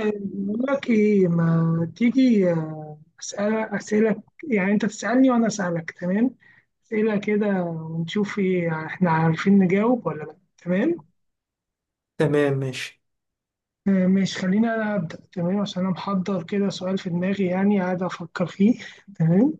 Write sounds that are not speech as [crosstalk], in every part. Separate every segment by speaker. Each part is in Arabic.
Speaker 1: بقول لك ايه، ما تيجي اسالك؟ يعني انت تسالني وانا اسالك، تمام. اسئله كده ونشوف ايه احنا عارفين نجاوب ولا لا، تمام.
Speaker 2: تمام ماشي.
Speaker 1: ماشي، خليني انا ابدا، تمام، عشان انا محضر كده سؤال في دماغي يعني، قاعد افكر فيه. تمام.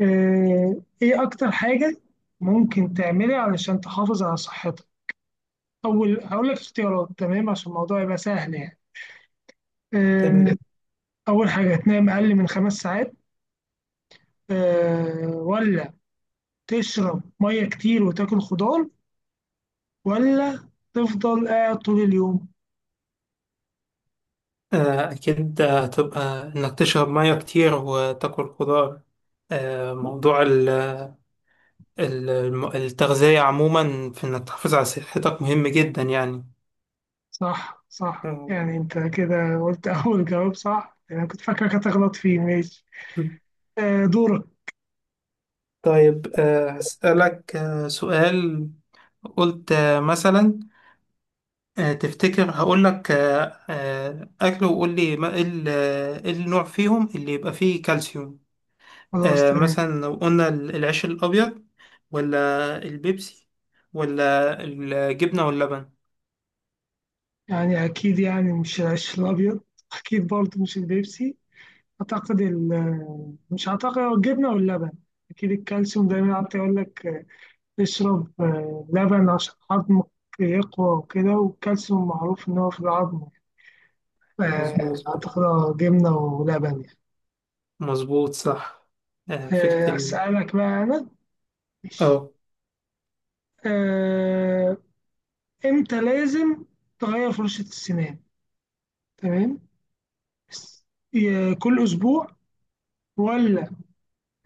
Speaker 1: آه، ايه اكتر حاجه ممكن تعملها علشان تحافظ على صحتك؟ اول هقول لك اختيارات تمام عشان الموضوع يبقى سهل يعني.
Speaker 2: تمام،
Speaker 1: آه، اول حاجه، تنام اقل من خمس ساعات؟ ولا تشرب مية كتير وتاكل خضار؟ ولا تفضل قاعد طول اليوم؟
Speaker 2: أكيد هتبقى إنك تشرب مية كتير وتاكل خضار. موضوع التغذية عموما في إنك تحافظ على صحتك مهم جدا يعني.
Speaker 1: صح،
Speaker 2: [laughs]
Speaker 1: صح،
Speaker 2: آه.
Speaker 1: يعني انت كده قلت [laughs] اول جواب صح يعني، انا كنت فاكرك هتغلط فيه. ماشي. آه، دورك.
Speaker 2: طيب، هسألك سؤال. قلت مثلا تفتكر هقول لك أكل وقول لي إيه إيه النوع فيهم اللي يبقى فيه كالسيوم؟
Speaker 1: خلاص
Speaker 2: آه
Speaker 1: تمام.
Speaker 2: مثلا لو قلنا العيش الأبيض، ولا البيبسي، ولا الجبنة واللبن؟
Speaker 1: يعني اكيد يعني مش العيش الابيض. [laughs] اكيد برضه مش البيبسي. اعتقد مش اعتقد، هو الجبنه واللبن. اكيد الكالسيوم دايما قعدت يقول لك اشرب لبن عشان عظمك يقوى وكده، والكالسيوم معروف ان هو في العظم. آه،
Speaker 2: مظبوط.
Speaker 1: أعتقد جبنة ولبن يعني.
Speaker 2: مظبوط صح. آه، فكرة ال،
Speaker 1: أسألك بقى أنا.
Speaker 2: اه،
Speaker 1: آه، إمتى لازم تغير فرشة السنان؟ تمام. س- كل أسبوع؟ ولا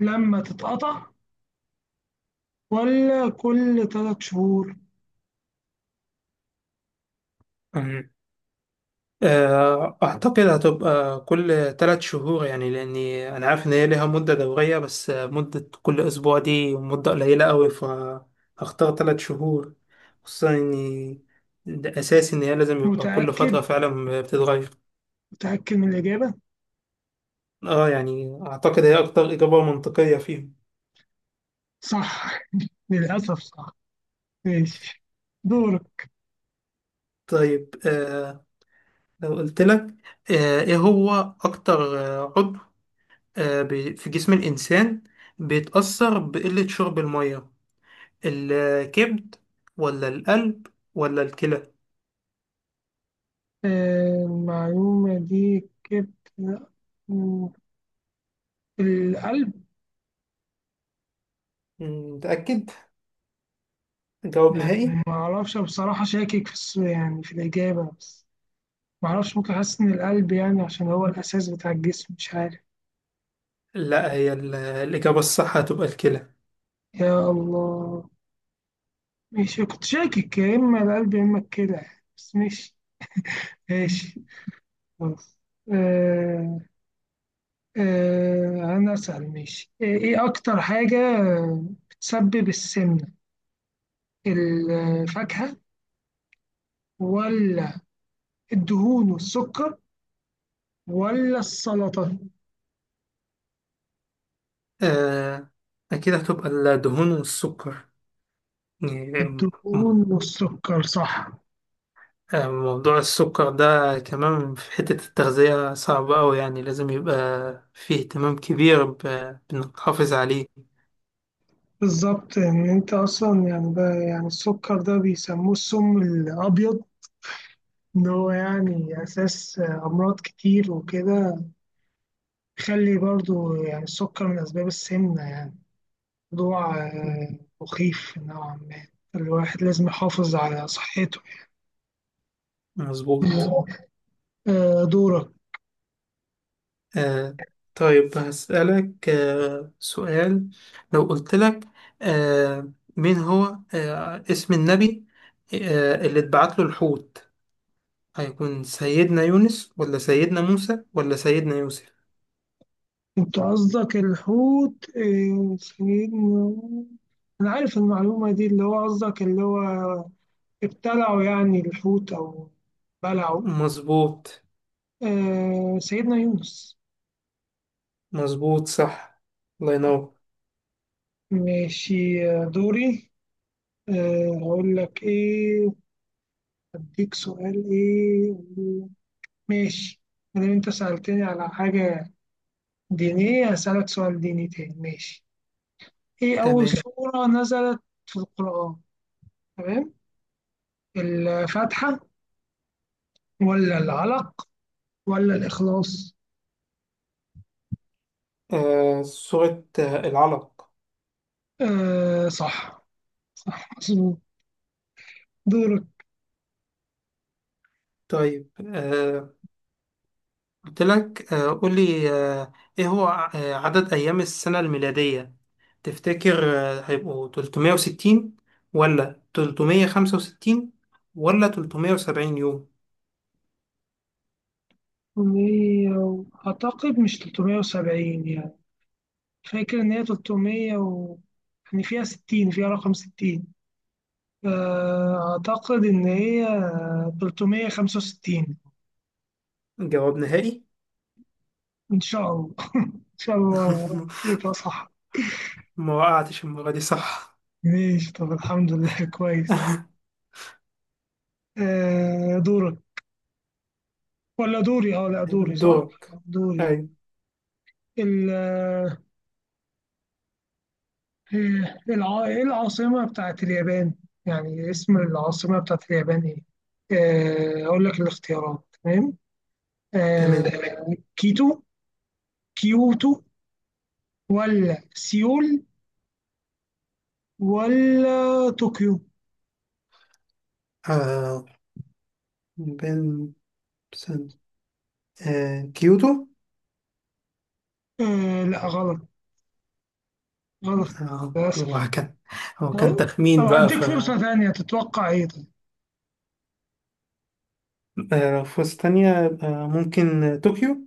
Speaker 1: لما تتقطع؟ ولا كل ثلاث شهور؟
Speaker 2: أمم. آه، أعتقد هتبقى كل ثلاث شهور، يعني لأني أنا عارف إن هي ليها مدة دورية، بس مدة كل أسبوع دي مدة قليلة أوي، فهختار ثلاث شهور، خصوصا إني ده أساسي، إن هي لازم يبقى كل
Speaker 1: متأكد؟
Speaker 2: فترة فعلا بتتغير.
Speaker 1: متأكد من الإجابة؟
Speaker 2: اه يعني اعتقد هي اكتر اجابة منطقية فيهم.
Speaker 1: صح. للأسف صح. ماشي، دورك.
Speaker 2: طيب آه، لو قلت لك آه، ايه هو اكتر عضو في جسم الانسان بيتأثر بقلة شرب المية؟ الكبد، ولا القلب، ولا الكلى؟
Speaker 1: المعلومة دي كده، القلب.
Speaker 2: مم، متأكد، جواب
Speaker 1: يعني
Speaker 2: نهائي.
Speaker 1: ما اعرفش بصراحة، شاكك في الإجابة، بس ما اعرفش، ممكن حاسس إن القلب يعني، عشان هو الأساس بتاع الجسم، مش عارف.
Speaker 2: لا، هي الإجابة الصح هتبقى الكلى.
Speaker 1: يا الله. ماشي، كنت شاكك يا إما القلب يا إما الكلى، بس ماشي. ماشي. خلاص. آه. آه أنا أسأل، ماشي. إيه إيه أكتر حاجة بتسبب السمنة؟ الفاكهة؟ ولا الدهون والسكر؟ ولا السلطة؟
Speaker 2: آه، أكيد هتبقى الدهون والسكر يعني.
Speaker 1: الدهون والسكر، صح.
Speaker 2: موضوع السكر ده كمان في حتة التغذية صعب أوي، يعني لازم يبقى فيه اهتمام كبير بإنك تحافظ عليه.
Speaker 1: بالظبط، ان انت اصلا يعني، ده يعني السكر ده بيسموه السم الابيض، ان هو يعني اساس امراض كتير وكده. خلي برضو يعني، السكر من اسباب السمنه يعني. موضوع مخيف نوعا ما، الواحد لازم يحافظ على صحته
Speaker 2: مظبوط.
Speaker 1: يعني. دورك.
Speaker 2: آه، طيب هسألك آه سؤال. لو قلت لك آه، مين هو اسم النبي اللي اتبعت له الحوت؟ هيكون سيدنا يونس، ولا سيدنا موسى، ولا سيدنا يوسف؟
Speaker 1: انت قصدك الحوت، سيدنا، انا عارف المعلومه دي، اللي هو قصدك اللي هو ابتلعوا يعني الحوت او بلعوا.
Speaker 2: مظبوط.
Speaker 1: آه، سيدنا يونس.
Speaker 2: مظبوط صح. الله ينور.
Speaker 1: ماشي. دوري. أقول لك إيه؟ أديك سؤال إيه؟ ماشي، مادام أنت سألتني على حاجة دينية، هسألك سؤال ديني تاني. ماشي، إيه أول
Speaker 2: تمام.
Speaker 1: سورة نزلت في القرآن؟ تمام. الفاتحة؟ ولا العلق؟ ولا الإخلاص؟
Speaker 2: آه، سورة آه العلق.
Speaker 1: آه صح، مظبوط. دورك.
Speaker 2: طيب آه، قلت لك آه قولي آه، إيه هو عدد أيام السنة الميلادية؟ تفتكر آه هيبقوا 360، ولا 365، ولا 370 يوم؟
Speaker 1: أعتقد مش 370 يعني. فاكر إن هي 300 و يعني فيها 60، فيها رقم 60. أعتقد إن هي 365.
Speaker 2: جواب نهائي.
Speaker 1: إن شاء الله [laughs] إن شاء الله
Speaker 2: [laughs]
Speaker 1: يبقى صح.
Speaker 2: ما وقعتش المرة دي، صح.
Speaker 1: ماشي، طب الحمد لله [laughs] كويس.
Speaker 2: [laughs]
Speaker 1: دورك ولا دوري؟ اه لا، دوري صح.
Speaker 2: دورك.
Speaker 1: دوري.
Speaker 2: أيوة.
Speaker 1: ال آه، إيه العاصمة بتاعت اليابان؟ يعني اسم العاصمة بتاعت اليابان ايه؟ أقول لك الاختيارات. تمام.
Speaker 2: تمام.
Speaker 1: كيتو؟ كيوتو؟ ولا سيول؟ ولا طوكيو؟
Speaker 2: آه، بن، سن، آه كيوتو.
Speaker 1: آه لا، غلط، غلط،
Speaker 2: آه،
Speaker 1: للأسف.
Speaker 2: هو كان، هو كان
Speaker 1: طب، طب
Speaker 2: تخمين بقى،
Speaker 1: هديك
Speaker 2: ف
Speaker 1: فرصة ثانية، تتوقع ايه طيب؟
Speaker 2: آه، لو فرصة تانية يبقى ممكن طوكيو.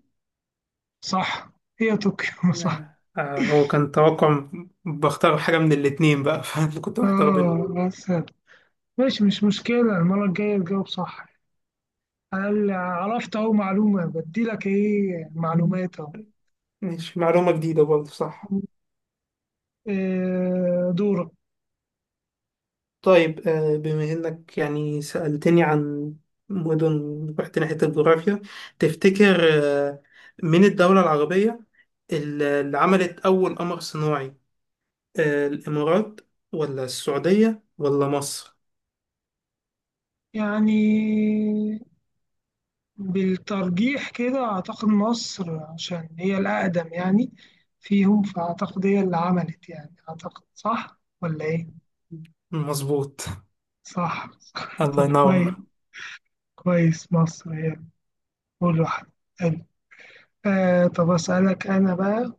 Speaker 1: صح، هي طوكيو [laughs] صح.
Speaker 2: هو كان توقع، بختار حاجة من الاتنين بقى. [laughs] فأنا كنت بختار بينهم.
Speaker 1: اه بس ماشي، مش مشكلة، المرة الجاية تجاوب صح. أنا اللي عرفت أهو معلومة، بديلك ايه معلومات أهو.
Speaker 2: ماشي، معلومة جديدة برضه، صح.
Speaker 1: دورك.
Speaker 2: طيب آه، بما إنك يعني سألتني عن مدن، رحت ناحية الجغرافيا. تفتكر آه، من الدولة العربية اللي عملت أول قمر صناعي، آه، الإمارات، ولا السعودية، ولا مصر؟
Speaker 1: يعني بالترجيح كده أعتقد مصر، عشان هي الأقدم يعني فيهم، فأعتقد هي اللي عملت يعني. أعتقد صح ولا إيه؟
Speaker 2: مظبوط.
Speaker 1: صح
Speaker 2: [laughs]
Speaker 1: [laughs]
Speaker 2: الله
Speaker 1: طب كويس.
Speaker 2: ينور.
Speaker 1: كويس، مصر هي أول واحدة. حلو. طب أسألك أنا بقى،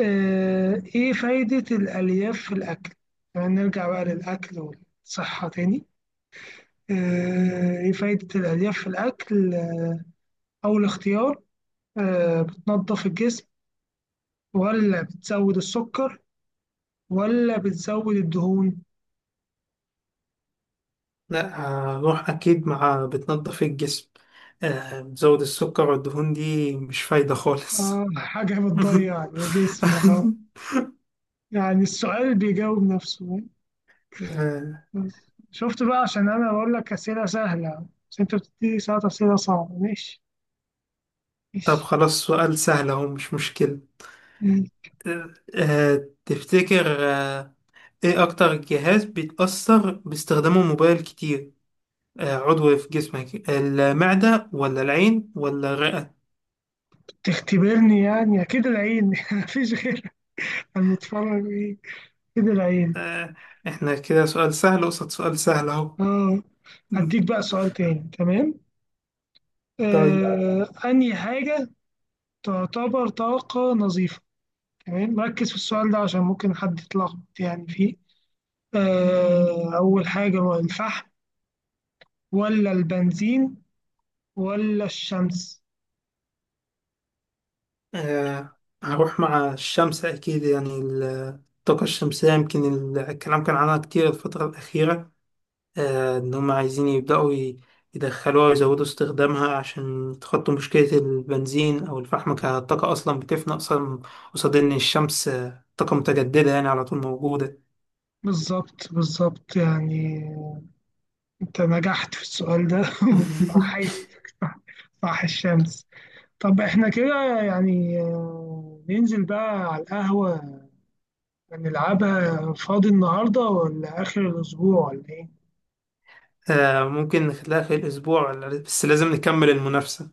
Speaker 1: إيه فايدة الألياف في الأكل؟ يعني نرجع بقى للأكل والصحة تاني. إيه فايدة الألياف في الأكل؟ أول اختيار، بتنظف الجسم؟ ولا بتزود السكر؟ ولا بتزود الدهون؟
Speaker 2: لا، هروح أكيد مع بتنضف الجسم. آه، بتزود السكر والدهون دي مش فايدة خالص.
Speaker 1: آه، حاجة
Speaker 2: [laughs]
Speaker 1: بتضيع الجسم خلاص. يعني السؤال بيجاوب نفسه.
Speaker 2: آه،
Speaker 1: بس شفت بقى، عشان أنا بقول لك أسئلة سهلة، بس أنت بتديني ساعات أسئلة صعبة. ماشي،
Speaker 2: طب
Speaker 1: ماشي.
Speaker 2: خلاص سؤال سهل أهو، مش مشكلة.
Speaker 1: ماشي.
Speaker 2: آه، تفتكر آه، إيه أكتر جهاز بيتأثر باستخدامه الموبايل كتير؟ آه، عضو في جسمك، المعدة ولا العين ولا الرئة؟
Speaker 1: بتختبرني يعني، أكيد العين [laughs] مفيش غيرك أنا متفرج إيه. أكيد العين.
Speaker 2: آه، إحنا كده سؤال سهل قصاد سؤال سهل أهو.
Speaker 1: آه، هديك بقى
Speaker 2: [laughs]
Speaker 1: سؤال تاني، تمام.
Speaker 2: طيب
Speaker 1: أنهي حاجة تعتبر طاقة نظيفة؟ تمام ركز في السؤال ده عشان ممكن حد يتلخبط يعني فيه. أول حاجة، هو الفحم؟ ولا البنزين؟ ولا الشمس؟
Speaker 2: آه، هروح مع الشمس أكيد. يعني الطاقة الشمسية يمكن الكلام كان عنها كتير الفترة الأخيرة. آه، إن هم عايزين يبدأوا يدخلوها ويزودوا استخدامها عشان يتخطوا مشكلة البنزين أو الفحم، كطاقة أصلا بتفنى أصلا، قصاد إن الشمس آه، طاقة متجددة يعني على طول موجودة.
Speaker 1: بالظبط، بالظبط يعني، أنت نجحت في السؤال ده. [laughs]
Speaker 2: [laughs]
Speaker 1: أحييك، صح، صح الشمس. طب إحنا كده يعني ننزل بقى على القهوة. نلعبها فاضي النهاردة ولا آخر الأسبوع ولا إيه؟
Speaker 2: آه، ممكن نخليها في الأسبوع، بس لازم نكمل المنافسة.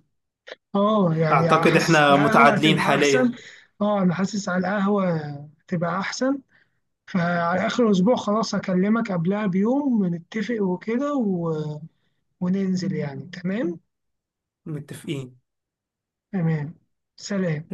Speaker 1: آه يعني،
Speaker 2: أعتقد
Speaker 1: حاسس
Speaker 2: إحنا
Speaker 1: على القهوة
Speaker 2: متعادلين
Speaker 1: هتبقى أحسن.
Speaker 2: حاليا.
Speaker 1: آه أنا حاسس على القهوة هتبقى أحسن. فعلى آخر الأسبوع خلاص، هكلمك قبلها بيوم نتفق وكده، و... وننزل يعني. تمام،
Speaker 2: متفقين.
Speaker 1: تمام. سلام.